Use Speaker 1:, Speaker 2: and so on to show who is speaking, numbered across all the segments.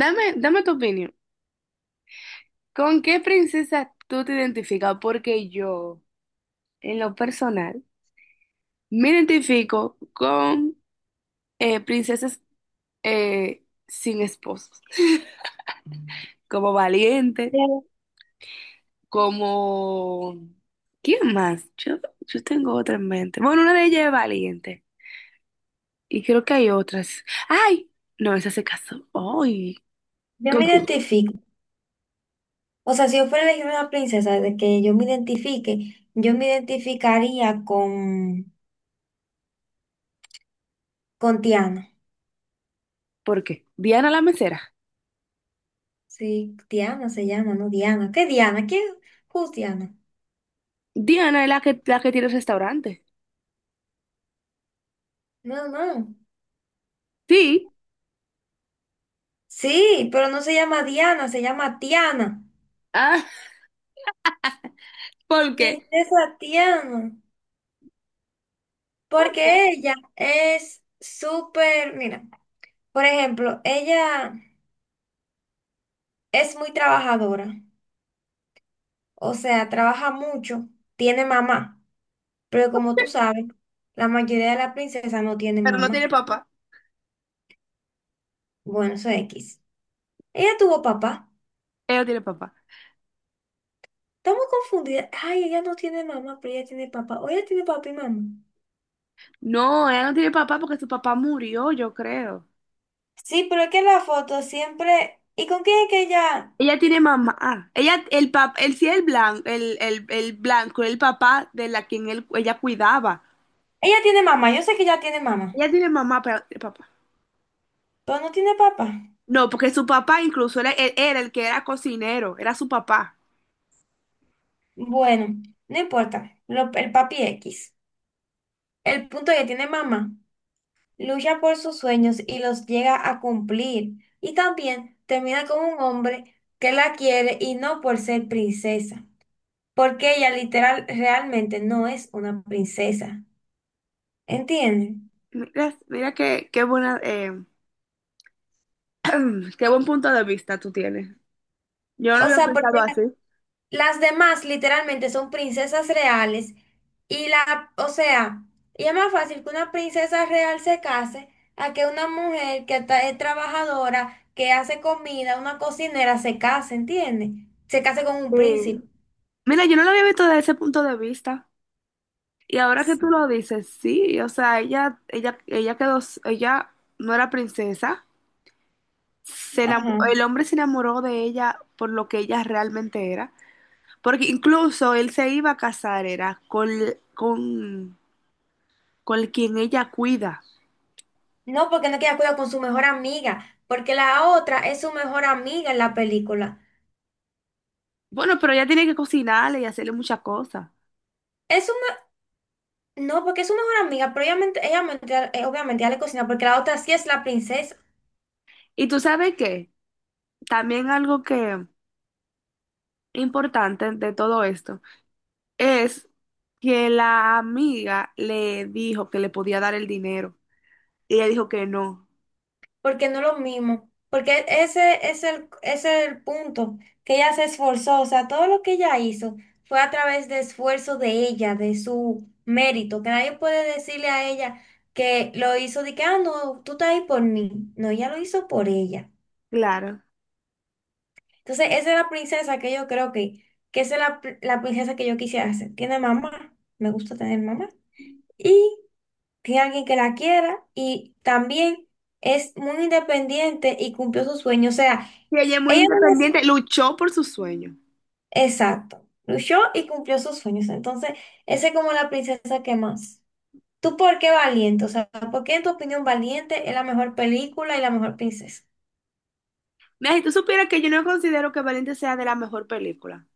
Speaker 1: Dame, dame tu opinión. ¿Con qué princesa tú te identificas? Porque yo, en lo personal, me identifico con princesas sin esposos. Como Valiente,
Speaker 2: Yo,
Speaker 1: como... ¿Quién más? Yo tengo otra en mente. Bueno, una de ellas es Valiente. Y creo que hay otras. ¡Ay! No, esa se casó. ¡Ay!
Speaker 2: yo
Speaker 1: ¿Con
Speaker 2: me
Speaker 1: quién?
Speaker 2: identifico. O sea, si yo fuera a elegir una princesa de que yo me identifique, yo me identificaría con Tiana.
Speaker 1: ¿Por qué? Diana la mesera.
Speaker 2: Sí, Tiana se llama, ¿no? Diana. ¿Qué Diana? ¿Quién? Who's Diana?
Speaker 1: Diana es la que tiene el restaurante.
Speaker 2: No, no.
Speaker 1: Sí.
Speaker 2: Sí, pero no se llama Diana, se llama Tiana.
Speaker 1: Ah, ¿por
Speaker 2: Mi
Speaker 1: qué?
Speaker 2: princesa Tiana.
Speaker 1: ¿Por qué?
Speaker 2: Porque ella es súper, mira, por ejemplo, ella es muy trabajadora. O sea, trabaja mucho, tiene mamá. Pero como tú sabes, la mayoría de las princesas no tienen
Speaker 1: Pero no tiene
Speaker 2: mamá.
Speaker 1: papá.
Speaker 2: Bueno, eso es X. Ella tuvo papá.
Speaker 1: Ella no tiene papá.
Speaker 2: Estamos confundidas. Ay, ella no tiene mamá, pero ella tiene papá. O ella tiene papá y mamá.
Speaker 1: No, ella no tiene papá porque su papá murió, yo creo.
Speaker 2: Sí, pero es que la foto siempre... ¿Y con quién es que ella?
Speaker 1: Ella tiene mamá. Ah, ella, el pap, él sí el blanco, el blanco, el papá de la quien él, ella cuidaba.
Speaker 2: Ella tiene mamá, yo sé que ella tiene mamá,
Speaker 1: Ella tiene mamá, pero no tiene papá.
Speaker 2: pero no tiene papá.
Speaker 1: No, porque su papá incluso era, él era el que era cocinero, era su papá.
Speaker 2: Bueno, no importa. Lo- el papi X. El punto es que tiene mamá. Lucha por sus sueños y los llega a cumplir. Y también termina con un hombre que la quiere y no por ser princesa, porque ella literal realmente no es una princesa. ¿Entienden?
Speaker 1: Mira, mira qué, qué buena, qué buen punto de vista tú tienes. Yo no
Speaker 2: O
Speaker 1: lo había
Speaker 2: sea,
Speaker 1: pensado
Speaker 2: porque
Speaker 1: así.
Speaker 2: la- las demás literalmente son princesas reales y la, o sea, y es más fácil que una princesa real se case a que una mujer que ta- es trabajadora, que hace comida, una cocinera se case, ¿entiende? Se case con un príncipe.
Speaker 1: Sí. Mira, yo no lo había visto desde ese punto de vista. Y ahora que tú lo dices, sí, o sea, ella quedó, ella no era princesa, se enamo-
Speaker 2: Ajá.
Speaker 1: el hombre se enamoró de ella por lo que ella realmente era, porque incluso él se iba a casar, era con, con quien ella cuida.
Speaker 2: No, porque no queda cuidado con su mejor amiga, porque la otra es su mejor amiga en la película.
Speaker 1: Bueno, pero ella tiene que cocinarle y hacerle muchas cosas.
Speaker 2: Es su me- no, porque es su mejor amiga, pero ella ment- obviamente ya le cocina, porque la otra sí es la princesa,
Speaker 1: Y tú sabes qué, también algo que importante de todo esto es que la amiga le dijo que le podía dar el dinero. Y ella dijo que no.
Speaker 2: porque no es lo mismo, porque ese es el punto, que ella se esforzó, o sea, todo lo que ella hizo fue a través de esfuerzo de ella, de su mérito, que nadie puede decirle a ella que lo hizo de que, ah, no, tú estás ahí por mí, no, ella lo hizo por ella.
Speaker 1: Claro.
Speaker 2: Entonces, esa es la princesa que yo creo que esa es la, pr- la princesa que yo quisiera ser. Tiene mamá, me gusta tener mamá. Y tiene alguien que la quiera y también es muy independiente y cumplió sus sueños. O sea,
Speaker 1: Y ella es muy
Speaker 2: ella no
Speaker 1: independiente,
Speaker 2: es...
Speaker 1: luchó por su sueño.
Speaker 2: Exacto, luchó y cumplió sus sueños. Entonces, esa es como la princesa que más. ¿Tú por qué valiente? O sea, ¿por qué en tu opinión valiente es la mejor película y la mejor princesa?
Speaker 1: Mira, si tú supieras que yo no considero que Valiente sea de la mejor película,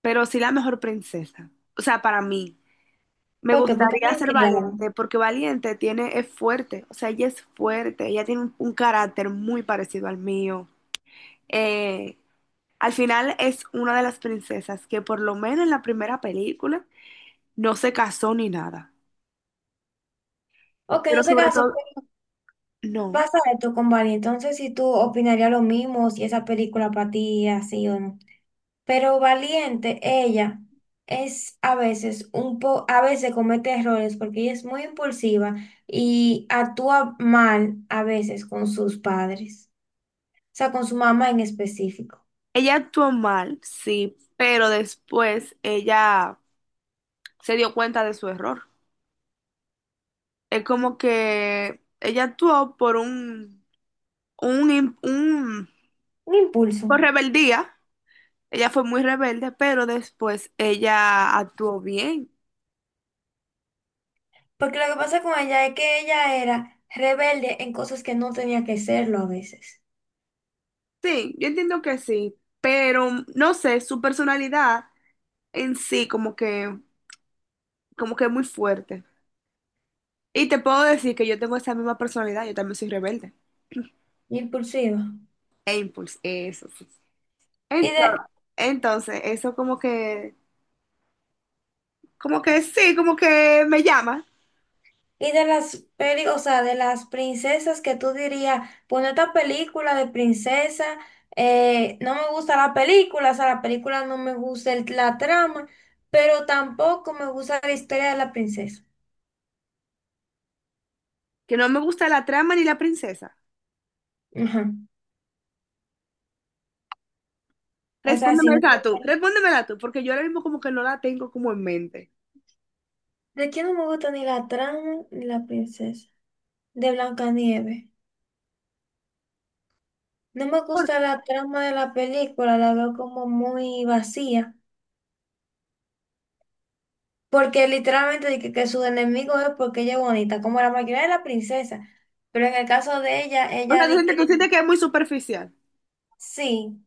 Speaker 1: pero sí la mejor princesa. O sea, para mí, me
Speaker 2: ¿Por qué? Porque
Speaker 1: gustaría
Speaker 2: mal
Speaker 1: ser
Speaker 2: criada.
Speaker 1: Valiente porque Valiente tiene, es fuerte, o sea, ella es fuerte, ella tiene un carácter muy parecido al mío. Eh, al final es una de las princesas que por lo menos en la primera película no se casó ni nada,
Speaker 2: Ok,
Speaker 1: pero
Speaker 2: no se
Speaker 1: sobre
Speaker 2: casó.
Speaker 1: todo, no.
Speaker 2: Pasa esto con Bali, entonces si tú opinarías lo mismo, si esa película para ti es así o no. Pero Valiente, ella es a veces un po, a veces comete errores porque ella es muy impulsiva y actúa mal a veces con sus padres, o sea, con su mamá en específico.
Speaker 1: Ella actuó mal, sí, pero después ella se dio cuenta de su error. Es como que ella actuó por un
Speaker 2: Un impulso.
Speaker 1: por rebeldía. Ella fue muy rebelde, pero después ella actuó bien.
Speaker 2: Porque lo que pasa con ella es que ella era rebelde en cosas que no tenía que serlo a veces.
Speaker 1: Sí, yo entiendo que sí, pero no sé, su personalidad en sí como que es muy fuerte. Y te puedo decir que yo tengo esa misma personalidad, yo también soy rebelde.
Speaker 2: Impulsiva.
Speaker 1: E impulsiva, eso.
Speaker 2: Y de,
Speaker 1: Entonces, entonces, eso como que sí, como que me llama,
Speaker 2: y de las peli, o sea, de las princesas que tú dirías, bueno, esta película de princesa, no me gusta la película, o sea, la película no me gusta el- la trama, pero tampoco me gusta la historia de la princesa.
Speaker 1: que no me gusta la trama ni la princesa.
Speaker 2: Ajá. O sea, sí me gusta.
Speaker 1: Respóndemela tú, porque yo ahora mismo como que no la tengo como en mente.
Speaker 2: ¿De quién no me gusta ni la trama ni la princesa? De Blancanieves. No me
Speaker 1: ¿Por
Speaker 2: gusta
Speaker 1: qué?
Speaker 2: la trama de la película, la veo como muy vacía. Porque literalmente dije que su enemigo es porque ella es bonita, como la mayoría de la princesa. Pero en el caso de ella,
Speaker 1: O
Speaker 2: ella
Speaker 1: sea,
Speaker 2: di que
Speaker 1: tú sientes que es muy superficial.
Speaker 2: sí.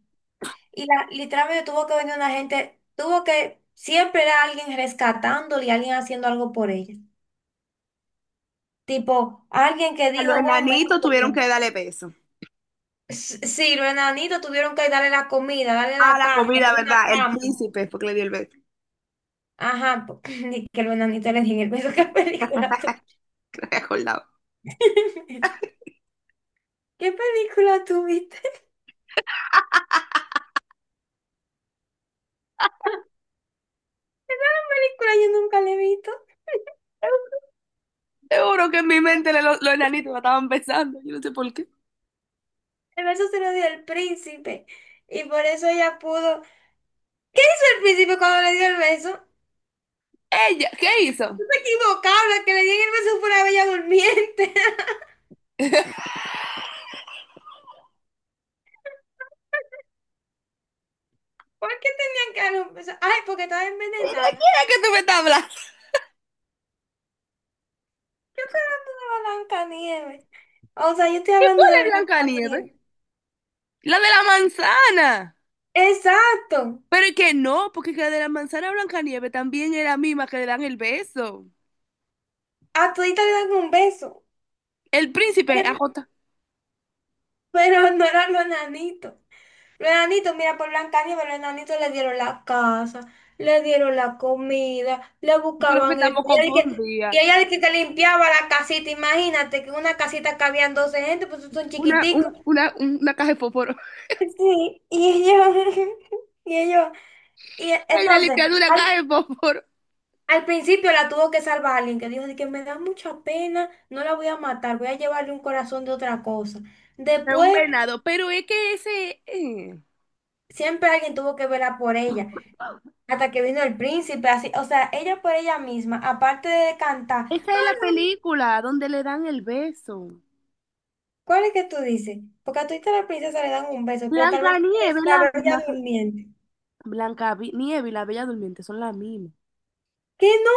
Speaker 2: Y la, literalmente tuvo que venir una gente, tuvo que, siempre era alguien rescatándole y alguien haciendo algo por ella. Tipo, alguien que
Speaker 1: A los
Speaker 2: dijo, wow, mejor
Speaker 1: enanitos
Speaker 2: que
Speaker 1: tuvieron
Speaker 2: yo".
Speaker 1: que darle beso.
Speaker 2: S- sí, los enanitos tuvieron que darle la comida, darle
Speaker 1: Ah,
Speaker 2: la
Speaker 1: la
Speaker 2: casa,
Speaker 1: comida,
Speaker 2: darle una
Speaker 1: ¿verdad? El
Speaker 2: cama.
Speaker 1: príncipe, porque le dio el beso,
Speaker 2: Ajá, po- ni que los enanitos le dije, pero ¿qué película tú?
Speaker 1: que no me acordaba.
Speaker 2: ¿Qué película tú viste? ¿Película yo nunca le he visto?
Speaker 1: Seguro que en mi mente le- los enanitos me estaban besando, yo no sé por qué.
Speaker 2: El beso se lo dio el príncipe. Y por eso ella pudo. ¿Qué hizo el príncipe cuando le dio el beso?
Speaker 1: Ella, ¿qué hizo?
Speaker 2: No se equivocaron, la que le dieron el beso fue la bella durmiente.
Speaker 1: ¿Y de
Speaker 2: ¿Por qué tenían que darle un beso? Ay, porque estaba
Speaker 1: quién
Speaker 2: envenenada.
Speaker 1: es que tú me estás hablando?
Speaker 2: Yo estoy hablando de Blancanieves. O sea, yo estoy
Speaker 1: ¿Y
Speaker 2: hablando
Speaker 1: cuál
Speaker 2: de
Speaker 1: es Blancanieves?
Speaker 2: Blancanieves.
Speaker 1: La de la manzana.
Speaker 2: Exacto.
Speaker 1: Pero es que no, porque que la de la manzana Blancanieves también es la misma que le dan el beso.
Speaker 2: A todita le dan un beso.
Speaker 1: El príncipe, ajota.
Speaker 2: Pero no eran los enanitos. Los enanitos, mira, por Blancanieves, los enanitos le dieron la casa, le dieron la comida, le
Speaker 1: Yo creo que
Speaker 2: buscaban esto.
Speaker 1: estamos
Speaker 2: Y ella de que, y
Speaker 1: confundidas.
Speaker 2: ella de que, que limpiaba la casita, imagínate que una casita cabían 12 gente, pues son chiquiticos.
Speaker 1: Una caja de fósforo.
Speaker 2: Sí, y ellos, y ellos, y e-
Speaker 1: Ella le
Speaker 2: entonces,
Speaker 1: quedó una
Speaker 2: al,
Speaker 1: caja de fósforo.
Speaker 2: al principio la tuvo que salvar alguien que dijo de que me da mucha pena, no la voy a matar, voy a llevarle un corazón de otra cosa.
Speaker 1: De un
Speaker 2: Después,
Speaker 1: venado. Pero es que ese.
Speaker 2: siempre alguien tuvo que velar por ella. Hasta que vino el príncipe, así, o sea, ella por ella misma, aparte de cantar,
Speaker 1: Esa es la película donde le dan el beso.
Speaker 2: ¿cuál es que tú dices? Porque a tu hija la princesa le dan un beso, pero tal vez tú quieres
Speaker 1: Blancanieves,
Speaker 2: la
Speaker 1: la
Speaker 2: ver ya
Speaker 1: misma.
Speaker 2: durmiente.
Speaker 1: Blanca Nieve y la Bella Durmiente son la misma.
Speaker 2: ¡Que no!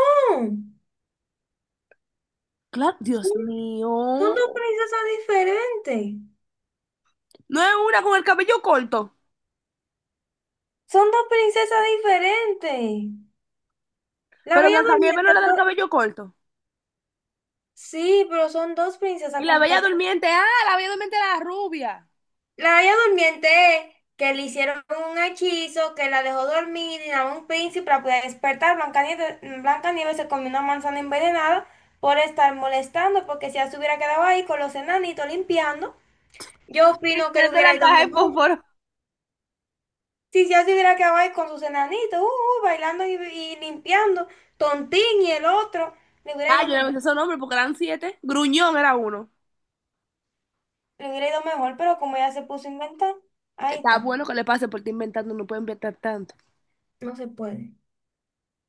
Speaker 1: Claro,
Speaker 2: Son,
Speaker 1: Dios
Speaker 2: son dos
Speaker 1: mío.
Speaker 2: princesas diferentes.
Speaker 1: No es una con el cabello corto.
Speaker 2: Son dos princesas diferentes. La
Speaker 1: Pero
Speaker 2: bella
Speaker 1: Blancanieves no era
Speaker 2: durmiente
Speaker 1: del
Speaker 2: fue...
Speaker 1: cabello corto.
Speaker 2: Sí, pero son dos
Speaker 1: Y
Speaker 2: princesas
Speaker 1: la Bella
Speaker 2: completamente.
Speaker 1: Durmiente, ah, la Bella Durmiente era la rubia.
Speaker 2: La Bella Durmiente, que le hicieron un hechizo que la dejó dormir y a un príncipe para poder despertar. Blancanieves se comió una manzana envenenada por estar molestando, porque si ya se hubiera quedado ahí con los enanitos limpiando, yo
Speaker 1: Sí,
Speaker 2: opino que
Speaker 1: que es
Speaker 2: le
Speaker 1: de
Speaker 2: hubiera
Speaker 1: la
Speaker 2: ido
Speaker 1: caja de
Speaker 2: mejor.
Speaker 1: fósforo.
Speaker 2: Si ya se hubiera quedado ahí con sus enanitos, bailando y limpiando, Tontín y el otro, le hubiera
Speaker 1: Ah,
Speaker 2: ido
Speaker 1: yo no me
Speaker 2: mejor.
Speaker 1: sé esos nombres porque eran siete. Gruñón era uno.
Speaker 2: Le hubiera ido mejor, pero como ella se puso a inventar, ahí
Speaker 1: Está
Speaker 2: está,
Speaker 1: bueno que le pase por porque inventando, no puede inventar tanto.
Speaker 2: no se puede.